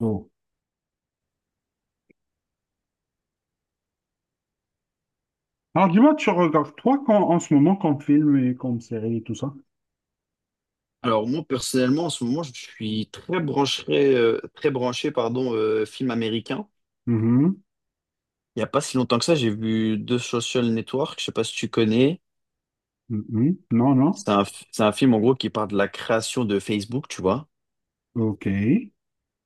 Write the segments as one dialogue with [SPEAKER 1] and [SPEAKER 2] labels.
[SPEAKER 1] Oh. Alors dis-moi, tu regardes toi quand, en ce moment comme film et comme série et tout ça?
[SPEAKER 2] Alors moi personnellement en ce moment je suis très branché pardon film américain.
[SPEAKER 1] Mhm,
[SPEAKER 2] Il n'y a pas si longtemps que ça, j'ai vu The Social Network, je sais pas si tu connais.
[SPEAKER 1] mhm. Non, non.
[SPEAKER 2] C'est un, c'est un film en gros qui parle de la création de Facebook, tu vois.
[SPEAKER 1] Ok.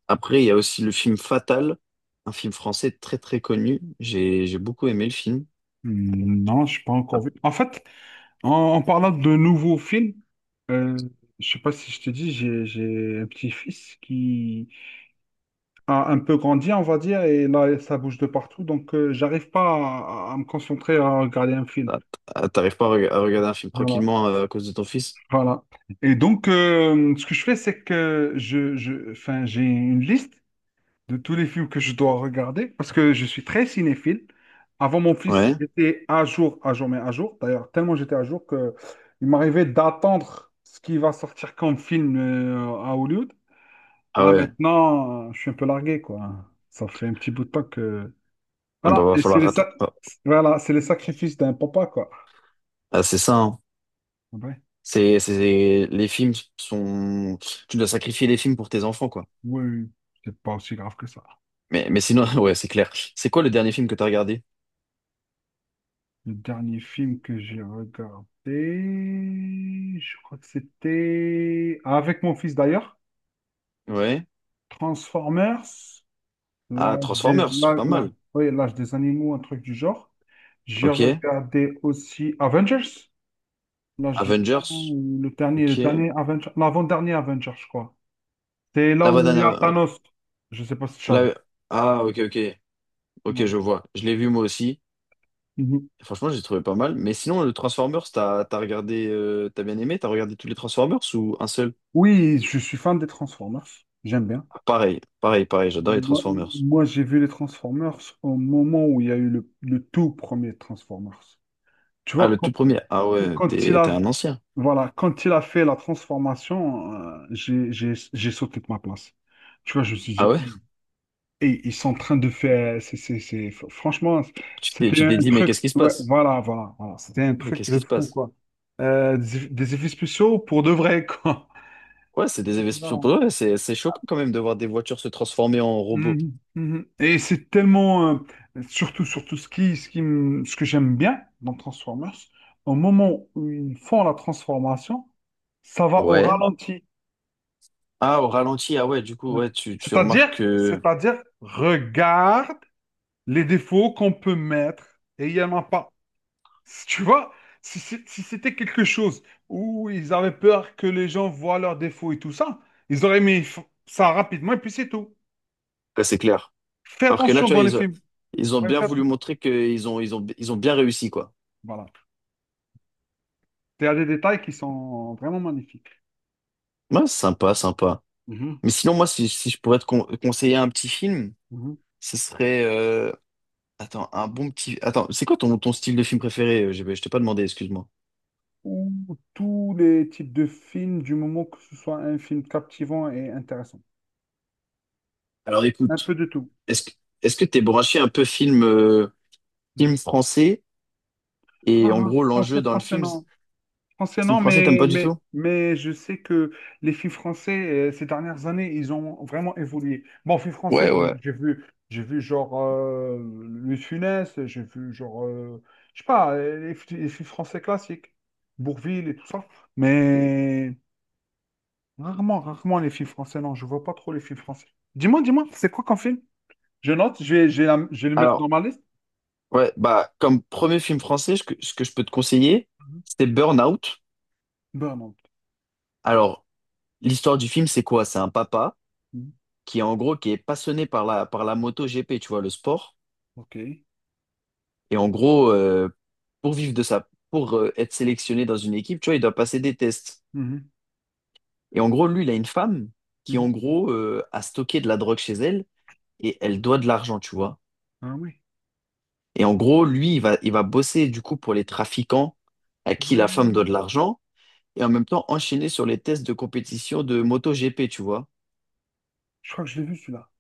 [SPEAKER 2] Après, il y a aussi le film Fatal, un film français très très connu. J'ai beaucoup aimé le film.
[SPEAKER 1] Mm, non, je pas
[SPEAKER 2] Ah,
[SPEAKER 1] encore vu. En fait, en, en parlant de nouveaux films, euh, je sais pas si je te dis, j'ai un petit-fils qui a un peu grandi, on va dire, et là, ça bouge de partout, donc j'arrive pas à me concentrer à regarder un film.
[SPEAKER 2] ah, ah, t'arrives pas à regarder un film
[SPEAKER 1] Voilà.
[SPEAKER 2] tranquillement à cause de ton fils?
[SPEAKER 1] Voilà. Et donc, ce que je fais, c'est que enfin, j'ai une liste de tous les films que je dois regarder, parce que je suis très cinéphile. Avant mon fils,
[SPEAKER 2] Ouais.
[SPEAKER 1] j'étais à jour, mais à jour. D'ailleurs, tellement j'étais à jour que il m'arrivait d'attendre ce qui va sortir comme film à Hollywood.
[SPEAKER 2] Ah
[SPEAKER 1] Là,
[SPEAKER 2] ouais.
[SPEAKER 1] maintenant, je suis un peu largué, quoi. Ça fait un petit bout de temps que.
[SPEAKER 2] Ah bah
[SPEAKER 1] Voilà,
[SPEAKER 2] va
[SPEAKER 1] et
[SPEAKER 2] falloir rattraper.
[SPEAKER 1] voilà, c'est les sacrifices d'un papa, quoi.
[SPEAKER 2] Ah, c'est ça, hein.
[SPEAKER 1] Ouais.
[SPEAKER 2] C'est, les films sont, tu dois sacrifier les films pour tes enfants, quoi.
[SPEAKER 1] Oui, oui. C'est pas aussi grave que ça.
[SPEAKER 2] Mais sinon, ouais, c'est clair. C'est quoi le dernier film que t'as regardé?
[SPEAKER 1] Le dernier film que j'ai regardé, je crois que c'était, avec mon fils, d'ailleurs.
[SPEAKER 2] Ouais.
[SPEAKER 1] Transformers,
[SPEAKER 2] Ah,
[SPEAKER 1] l'âge des,
[SPEAKER 2] Transformers,
[SPEAKER 1] l'âge-
[SPEAKER 2] pas
[SPEAKER 1] l'âge-
[SPEAKER 2] mal.
[SPEAKER 1] oui, l'âge des animaux, un truc du genre. J'ai
[SPEAKER 2] Ok.
[SPEAKER 1] regardé aussi Avengers, l'âge du temps,
[SPEAKER 2] Avengers,
[SPEAKER 1] ou le dernier, le
[SPEAKER 2] ok.
[SPEAKER 1] dernier Avenger, l'avant-dernier Avenger, je crois. C'est
[SPEAKER 2] La
[SPEAKER 1] là
[SPEAKER 2] voix
[SPEAKER 1] où
[SPEAKER 2] d'un,
[SPEAKER 1] il y a
[SPEAKER 2] av-
[SPEAKER 1] Thanos. Je sais pas si tu as vu.
[SPEAKER 2] la- ah, ok, ok. Ok,
[SPEAKER 1] Non.
[SPEAKER 2] je vois. Je l'ai vu moi aussi.
[SPEAKER 1] Mhm.
[SPEAKER 2] Franchement, j'ai trouvé pas mal. Mais sinon, le Transformers, t'as regardé, t'as bien aimé? T'as regardé tous les Transformers ou un seul?
[SPEAKER 1] Oui, je suis fan des Transformers. J'aime bien.
[SPEAKER 2] Ah, pareil, pareil, pareil. J'adore les
[SPEAKER 1] Moi,
[SPEAKER 2] Transformers.
[SPEAKER 1] moi, j'ai vu les Transformers au moment où il y a eu le tout premier Transformers. Tu
[SPEAKER 2] Ah,
[SPEAKER 1] vois,
[SPEAKER 2] le tout premier. Ah ouais,
[SPEAKER 1] Quand il
[SPEAKER 2] t'es
[SPEAKER 1] a,
[SPEAKER 2] un ancien.
[SPEAKER 1] voilà, quand il a fait la transformation, j'ai sauté de ma place. Tu vois, je me suis
[SPEAKER 2] Ah
[SPEAKER 1] dit,
[SPEAKER 2] ouais?
[SPEAKER 1] et ils sont en train de faire, franchement,
[SPEAKER 2] Tu t'es,
[SPEAKER 1] c'était
[SPEAKER 2] tu t'es
[SPEAKER 1] un
[SPEAKER 2] dit, mais
[SPEAKER 1] truc,
[SPEAKER 2] qu'est-ce qui se
[SPEAKER 1] ouais,
[SPEAKER 2] passe?
[SPEAKER 1] voilà, voilà, voilà, c'était un
[SPEAKER 2] Mais
[SPEAKER 1] truc
[SPEAKER 2] qu'est-ce
[SPEAKER 1] de
[SPEAKER 2] qui se
[SPEAKER 1] fou,
[SPEAKER 2] passe?
[SPEAKER 1] quoi. Des effets spéciaux pour de vrai, quoi.
[SPEAKER 2] Ouais, c'est des effets.
[SPEAKER 1] Voilà.
[SPEAKER 2] Ouais, c'est choquant quand même de voir des voitures se transformer en robots.
[SPEAKER 1] Mhm, mhm. Et c'est tellement, surtout, surtout ce que j'aime bien dans Transformers, au moment où ils font la transformation, ça va au
[SPEAKER 2] Ouais.
[SPEAKER 1] ralenti.
[SPEAKER 2] Ah, au ralenti, ah ouais, du coup,
[SPEAKER 1] Ouais.
[SPEAKER 2] ouais, tu
[SPEAKER 1] C'est-à-dire,
[SPEAKER 2] remarques que.
[SPEAKER 1] c'est-à-dire, regarde les défauts qu'on peut mettre et il n'y en a pas. Si, tu vois, si c'était quelque chose où ils avaient peur que les gens voient leurs défauts et tout ça, ils auraient mis ça rapidement et puis c'est tout.
[SPEAKER 2] Ouais, c'est clair.
[SPEAKER 1] Fais
[SPEAKER 2] Alors que là,
[SPEAKER 1] attention
[SPEAKER 2] tu vois,
[SPEAKER 1] dans les
[SPEAKER 2] ils ont,
[SPEAKER 1] films.
[SPEAKER 2] ils ont
[SPEAKER 1] Ouais,
[SPEAKER 2] bien
[SPEAKER 1] fais
[SPEAKER 2] voulu
[SPEAKER 1] attention.
[SPEAKER 2] montrer qu'ils ont bien réussi, quoi.
[SPEAKER 1] Voilà. Il y a des détails qui sont vraiment magnifiques.
[SPEAKER 2] Ouais, sympa, sympa.
[SPEAKER 1] Mhm,
[SPEAKER 2] Mais sinon, moi, si je pourrais te conseiller un petit film,
[SPEAKER 1] mhm.
[SPEAKER 2] ce serait attends, un bon petit. Attends, c'est quoi ton style de film préféré? GB, je t'ai pas demandé, excuse-moi.
[SPEAKER 1] Ou tous les types de films, du moment que ce soit un film captivant et intéressant.
[SPEAKER 2] Alors
[SPEAKER 1] Un peu
[SPEAKER 2] écoute,
[SPEAKER 1] de tout.
[SPEAKER 2] est-ce que est-ce que t'es branché un peu film, film
[SPEAKER 1] Mhm.
[SPEAKER 2] français? Et en
[SPEAKER 1] Ah,
[SPEAKER 2] gros,
[SPEAKER 1] français,
[SPEAKER 2] l'enjeu dans le
[SPEAKER 1] français,
[SPEAKER 2] film, c'est,
[SPEAKER 1] non. Français,
[SPEAKER 2] film
[SPEAKER 1] non,
[SPEAKER 2] français, t'aimes
[SPEAKER 1] mais,
[SPEAKER 2] pas du
[SPEAKER 1] mais,
[SPEAKER 2] tout?
[SPEAKER 1] mais je sais que les films français, ces dernières années, ils ont vraiment évolué. Bon, films français,
[SPEAKER 2] Ouais,
[SPEAKER 1] j'ai
[SPEAKER 2] ouais.
[SPEAKER 1] j'ai vu, j'ai vu genre Louis de Funès, j'ai vu genre, je sais pas, les films français classiques, Bourvil et tout ça. Mais rarement, rarement les films français, non, je vois pas trop les films français. Dis-moi, dis-moi, c'est quoi qu'un film? Je note, je vais le mettre dans
[SPEAKER 2] Alors,
[SPEAKER 1] ma liste.
[SPEAKER 2] ouais, bah, comme premier film français, ce que je peux te conseiller,
[SPEAKER 1] Mhm.
[SPEAKER 2] c'est Burnout.
[SPEAKER 1] Burnout.
[SPEAKER 2] Alors, l'histoire du film, c'est quoi? C'est un papa
[SPEAKER 1] Mhm.
[SPEAKER 2] qui, en gros, qui est passionné par la moto GP, tu vois, le sport.
[SPEAKER 1] Ok.
[SPEAKER 2] Et en gros, pour vivre de ça, pour être sélectionné dans une équipe, tu vois, il doit passer des tests.
[SPEAKER 1] Mhm.
[SPEAKER 2] Et en gros, lui, il a une femme qui, en
[SPEAKER 1] Mhm.
[SPEAKER 2] gros, a stocké de la drogue chez elle et elle doit de l'argent, tu vois.
[SPEAKER 1] Ah oui.
[SPEAKER 2] Et en gros, lui, il va bosser du coup pour les trafiquants à qui la femme
[SPEAKER 1] Ouais.
[SPEAKER 2] doit de l'argent et en même temps enchaîner sur les tests de compétition de MotoGP, tu vois.
[SPEAKER 1] Je crois que je l'ai vu celui-là.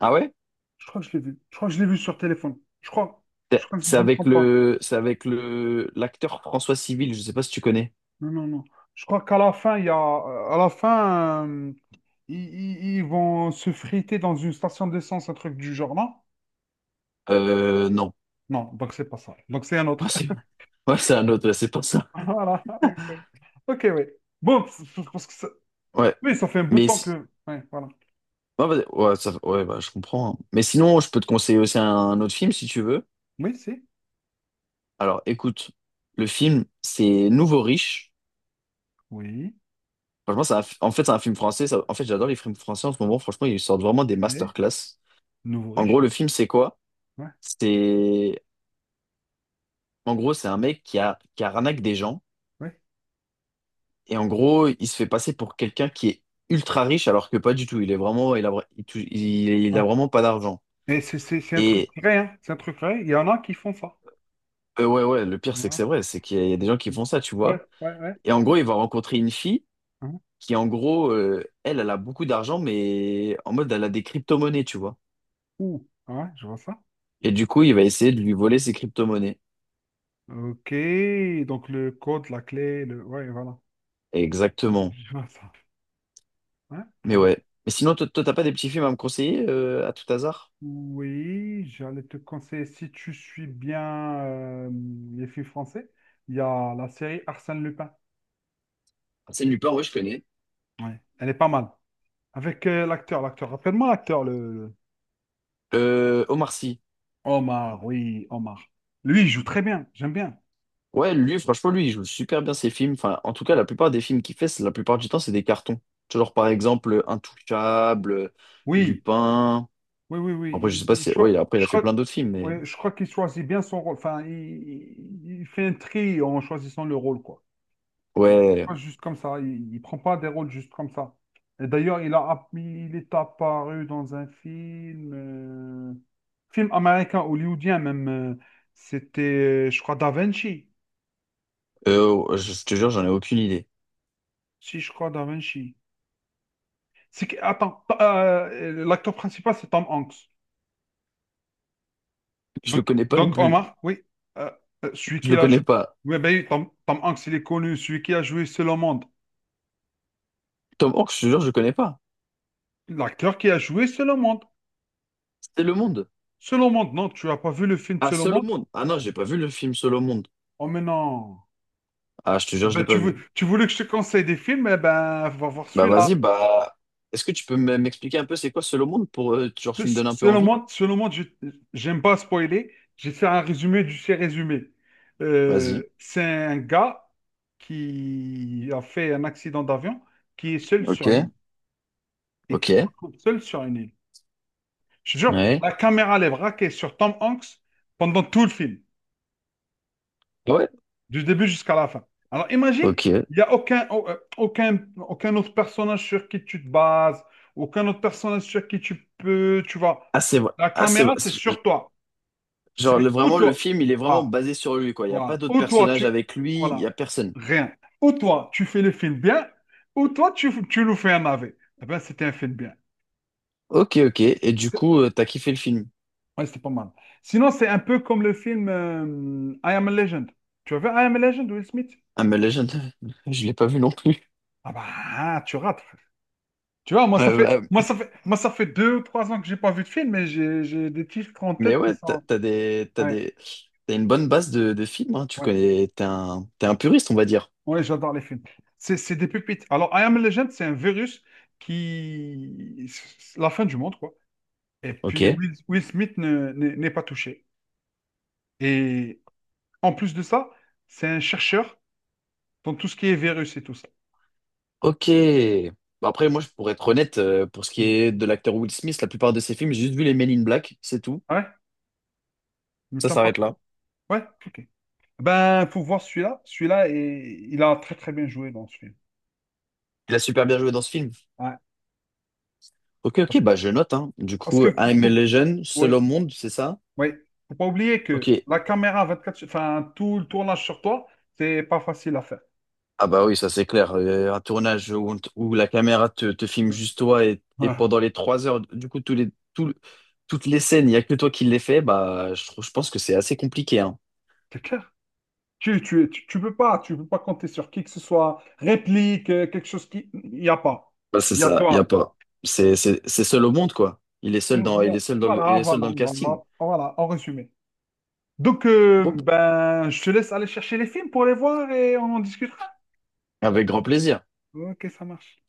[SPEAKER 2] Ah ouais?
[SPEAKER 1] Je crois que je l'ai vu. Je crois que je l'ai vu sur téléphone. Je crois. Je
[SPEAKER 2] C'est
[SPEAKER 1] crois que si
[SPEAKER 2] c'est
[SPEAKER 1] je me
[SPEAKER 2] avec
[SPEAKER 1] trompe pas.
[SPEAKER 2] le, c'est avec le, l'acteur François Civil, je sais pas si tu connais.
[SPEAKER 1] Non, non, non. Je crois qu'à la fin, il y a, à la fin, ils vont se friter dans une station d'essence, un truc du genre, non?
[SPEAKER 2] Non.
[SPEAKER 1] Non, donc c'est pas ça. Donc c'est un
[SPEAKER 2] Ah,
[SPEAKER 1] autre.
[SPEAKER 2] c'est, ouais, c'est un autre, ouais, c'est pas ça.
[SPEAKER 1] Voilà. Ok, ok, oui. Bon, parce que ça.
[SPEAKER 2] Ouais.
[SPEAKER 1] Oui, ça fait un bout de
[SPEAKER 2] Mais,
[SPEAKER 1] temps que. Ouais, voilà.
[SPEAKER 2] ouais, vas-y. Ouais, ouais, bah, je comprends, hein. Mais sinon, je peux te conseiller aussi un, autre film si tu veux.
[SPEAKER 1] Oui, c'est.
[SPEAKER 2] Alors, écoute, le film, c'est Nouveau Riche.
[SPEAKER 1] Oui.
[SPEAKER 2] Franchement, en fait, c'est un film français. En fait, j'adore les films français en ce moment. Franchement, ils sortent vraiment des
[SPEAKER 1] Et
[SPEAKER 2] masterclass.
[SPEAKER 1] nouveau
[SPEAKER 2] En gros,
[SPEAKER 1] riche.
[SPEAKER 2] le film, c'est quoi?
[SPEAKER 1] Ouais,
[SPEAKER 2] C'est, en gros, c'est un mec qui arnaque des gens.
[SPEAKER 1] ouais,
[SPEAKER 2] Et en gros, il se fait passer pour quelqu'un qui est ultra riche, alors que pas du tout. Il est vraiment, il a
[SPEAKER 1] ouais.
[SPEAKER 2] vraiment pas d'argent.
[SPEAKER 1] Et c'est un truc
[SPEAKER 2] Et,
[SPEAKER 1] vrai, hein. C'est un truc vrai. Il y en a qui font ça.
[SPEAKER 2] ouais, ouais, le pire, c'est que
[SPEAKER 1] Voilà.
[SPEAKER 2] c'est vrai. C'est qu'il y a des gens qui
[SPEAKER 1] Oui.
[SPEAKER 2] font ça, tu
[SPEAKER 1] Ouais,
[SPEAKER 2] vois.
[SPEAKER 1] ouais, ouais.
[SPEAKER 2] Et en
[SPEAKER 1] Bon.
[SPEAKER 2] gros, il va rencontrer une fille
[SPEAKER 1] Hein.
[SPEAKER 2] qui, en gros, elle a beaucoup d'argent, mais en mode, elle a des crypto-monnaies, tu vois.
[SPEAKER 1] Ouh, ouais, je vois ça.
[SPEAKER 2] Et du coup, il va essayer de lui voler ses crypto-monnaies.
[SPEAKER 1] Ok, donc le code, la clé, le. Ouais, voilà,
[SPEAKER 2] Exactement.
[SPEAKER 1] je vois ça. Ouais, très
[SPEAKER 2] Mais
[SPEAKER 1] bien.
[SPEAKER 2] ouais. Mais sinon, toi, t'as pas des petits films à me conseiller à tout hasard?
[SPEAKER 1] Oui, j'allais te conseiller, si tu suis bien les films français, il y a la série Arsène Lupin.
[SPEAKER 2] Arsène Lupin, ouais, je connais.
[SPEAKER 1] Ouais, elle est pas mal. Avec l'acteur, rappelle-moi l'acteur, le.
[SPEAKER 2] Omar Sy.
[SPEAKER 1] Omar, oui, Omar. Lui, il joue très bien, j'aime bien.
[SPEAKER 2] Ouais, lui, franchement, lui, il joue super bien ses films. Enfin, en tout cas, la plupart des films qu'il fait, la plupart du temps, c'est des cartons. Tu vois, genre, par exemple, Intouchable,
[SPEAKER 1] Oui,
[SPEAKER 2] Lupin.
[SPEAKER 1] oui, oui,
[SPEAKER 2] Après, je
[SPEAKER 1] oui.
[SPEAKER 2] sais
[SPEAKER 1] il-
[SPEAKER 2] pas
[SPEAKER 1] il
[SPEAKER 2] si.
[SPEAKER 1] choi-
[SPEAKER 2] Ouais, après, il a
[SPEAKER 1] je
[SPEAKER 2] fait
[SPEAKER 1] crois,
[SPEAKER 2] plein d'autres films, mais.
[SPEAKER 1] ouais, je crois qu'il choisit bien son rôle. Enfin, il fait un tri en choisissant le rôle, quoi.
[SPEAKER 2] Ouais.
[SPEAKER 1] Pas juste comme ça. Il prend pas des rôles juste comme ça. Et d'ailleurs, il est apparu dans un film, film américain, hollywoodien même. C'était, je crois, Da Vinci.
[SPEAKER 2] Euh, oh, je te jure, j'en ai aucune idée.
[SPEAKER 1] Si, je crois, Da Vinci. Attends, l'acteur principal, c'est Tom Hanks.
[SPEAKER 2] Je le
[SPEAKER 1] Donc,
[SPEAKER 2] connais pas non
[SPEAKER 1] donc
[SPEAKER 2] plus.
[SPEAKER 1] Omar, oui, euh, celui
[SPEAKER 2] Je
[SPEAKER 1] qui
[SPEAKER 2] le
[SPEAKER 1] a
[SPEAKER 2] connais
[SPEAKER 1] joué.
[SPEAKER 2] pas.
[SPEAKER 1] Oui, ben, oui, Tom Hanks, il est connu, celui qui a joué Seul au monde.
[SPEAKER 2] Tom Hanks, je te jure, je le connais pas.
[SPEAKER 1] L'acteur qui a joué Seul au monde.
[SPEAKER 2] C'était Le Monde.
[SPEAKER 1] Seul au monde, non, tu n'as pas vu le film
[SPEAKER 2] Ah,
[SPEAKER 1] Seul au
[SPEAKER 2] Seul au
[SPEAKER 1] monde?
[SPEAKER 2] Monde. Ah non, j'ai pas vu le film Seul au Monde.
[SPEAKER 1] Oh, mais non.
[SPEAKER 2] Ah, je te
[SPEAKER 1] Ah
[SPEAKER 2] jure, je
[SPEAKER 1] Bah,
[SPEAKER 2] l'ai pas vu.
[SPEAKER 1] tu voulais que je te conseille des films, eh ben, va voir
[SPEAKER 2] Bah
[SPEAKER 1] celui-là.
[SPEAKER 2] vas-y, bah est-ce que tu peux m'expliquer un peu c'est quoi Solo Monde pour genre tu me donnes un peu envie?
[SPEAKER 1] Selon moi, j'aime pas spoiler. J'ai fait un résumé du fait résumé.
[SPEAKER 2] Vas-y.
[SPEAKER 1] C'est un gars qui a fait un accident d'avion, qui est seul
[SPEAKER 2] Ok.
[SPEAKER 1] sur une île et qui se
[SPEAKER 2] Ok.
[SPEAKER 1] retrouve seul sur une île. Je te jure,
[SPEAKER 2] Ouais.
[SPEAKER 1] la caméra elle est braquée sur Tom Hanks pendant tout le film.
[SPEAKER 2] Ah ouais.
[SPEAKER 1] Du début jusqu'à la fin. Alors imagine,
[SPEAKER 2] Ok.
[SPEAKER 1] il n'y a aucun, au- aucun, aucun autre personnage sur qui tu te bases, aucun autre personnage sur qui tu peux, tu vois.
[SPEAKER 2] Ah, c'est vrai.
[SPEAKER 1] La
[SPEAKER 2] Ah, c'est
[SPEAKER 1] caméra,
[SPEAKER 2] vrai.
[SPEAKER 1] c'est sur toi.
[SPEAKER 2] Genre
[SPEAKER 1] C'est ou
[SPEAKER 2] vraiment le
[SPEAKER 1] toi.
[SPEAKER 2] film il est vraiment
[SPEAKER 1] Voilà,
[SPEAKER 2] basé sur lui, quoi. Il y a pas
[SPEAKER 1] voilà.
[SPEAKER 2] d'autres
[SPEAKER 1] Ou toi,
[SPEAKER 2] personnages
[SPEAKER 1] tu.
[SPEAKER 2] avec lui. Il y
[SPEAKER 1] Voilà.
[SPEAKER 2] a personne.
[SPEAKER 1] Rien. Ou toi, tu fais le film bien, ou toi, tu nous fais un AV. Eh bien, c'était un film bien.
[SPEAKER 2] Ok, ok. Et du coup, t'as kiffé le film?
[SPEAKER 1] Ouais, c'était pas mal. Sinon, c'est un peu comme le film I Am a Legend. Tu as vu I Am a Legend, Will Smith?
[SPEAKER 2] Ah mais Legend, je l'ai pas vu non plus.
[SPEAKER 1] Ah bah, tu rates. Tu vois, moi, ça fait,
[SPEAKER 2] Bah,
[SPEAKER 1] moi, ça fait, moi, ça fait 2 ou 3 ans que j'ai pas vu de film, mais j'ai des titres en tête
[SPEAKER 2] mais
[SPEAKER 1] qui
[SPEAKER 2] ouais,
[SPEAKER 1] sont. Ouais,
[SPEAKER 2] t'as une bonne base de films, hein. Tu
[SPEAKER 1] ouais,
[SPEAKER 2] connais. T'es un puriste, on va dire.
[SPEAKER 1] ouais, j'adore les films. C'est des pépites. Alors, I Am Legend, c'est un virus qui. C'est la fin du monde, quoi. Et puis,
[SPEAKER 2] Ok.
[SPEAKER 1] Will Smith n'est pas touché. Et en plus de ça, c'est un chercheur dans tout ce qui est virus et tout ça.
[SPEAKER 2] Ok. Bah, après, moi, pour être honnête, pour ce qui
[SPEAKER 1] Mm.
[SPEAKER 2] est de l'acteur Will Smith, la plupart de ses films, j'ai juste vu les Men in Black, c'est tout.
[SPEAKER 1] Ouais, ne
[SPEAKER 2] Ça
[SPEAKER 1] t'en pas
[SPEAKER 2] s'arrête
[SPEAKER 1] trop.
[SPEAKER 2] là.
[SPEAKER 1] Ouais, ok. Ben, faut voir celui-là. Celui-là, il a très, très bien joué dans ce film.
[SPEAKER 2] Il a super bien joué dans ce film.
[SPEAKER 1] Ouais.
[SPEAKER 2] Ok, ok,
[SPEAKER 1] Parce,
[SPEAKER 2] bah je note, hein. Du
[SPEAKER 1] parce
[SPEAKER 2] coup,
[SPEAKER 1] que. faut-
[SPEAKER 2] I'm a
[SPEAKER 1] faut-
[SPEAKER 2] Legend,
[SPEAKER 1] oui,
[SPEAKER 2] Seul au monde, c'est ça?
[SPEAKER 1] Oui, faut pas oublier
[SPEAKER 2] Ok.
[SPEAKER 1] que la caméra 24, enfin tout le tournage sur toi, c'est pas facile à faire.
[SPEAKER 2] Ah bah oui, ça c'est clair. Un tournage où, où la caméra te filme juste toi et pendant les trois heures, du coup, tout- toutes les scènes, il n'y a que toi qui les fais, bah, je pense que c'est assez compliqué, hein.
[SPEAKER 1] C'est clair. Tu peux pas compter sur qui que ce soit, réplique, quelque chose qui, il y a pas.
[SPEAKER 2] Bah, c'est
[SPEAKER 1] Il y a
[SPEAKER 2] ça, il n'y
[SPEAKER 1] toi.
[SPEAKER 2] a pas. C'est seul au monde, quoi. Il est seul dans, il est seul dans le, il
[SPEAKER 1] Voilà,
[SPEAKER 2] est
[SPEAKER 1] voilà,
[SPEAKER 2] seul dans le casting.
[SPEAKER 1] voilà, voilà, en résumé. Donc,
[SPEAKER 2] Bon,
[SPEAKER 1] ben, je te laisse aller chercher les films pour les voir et on en discutera.
[SPEAKER 2] avec grand plaisir.
[SPEAKER 1] Ok, ça marche.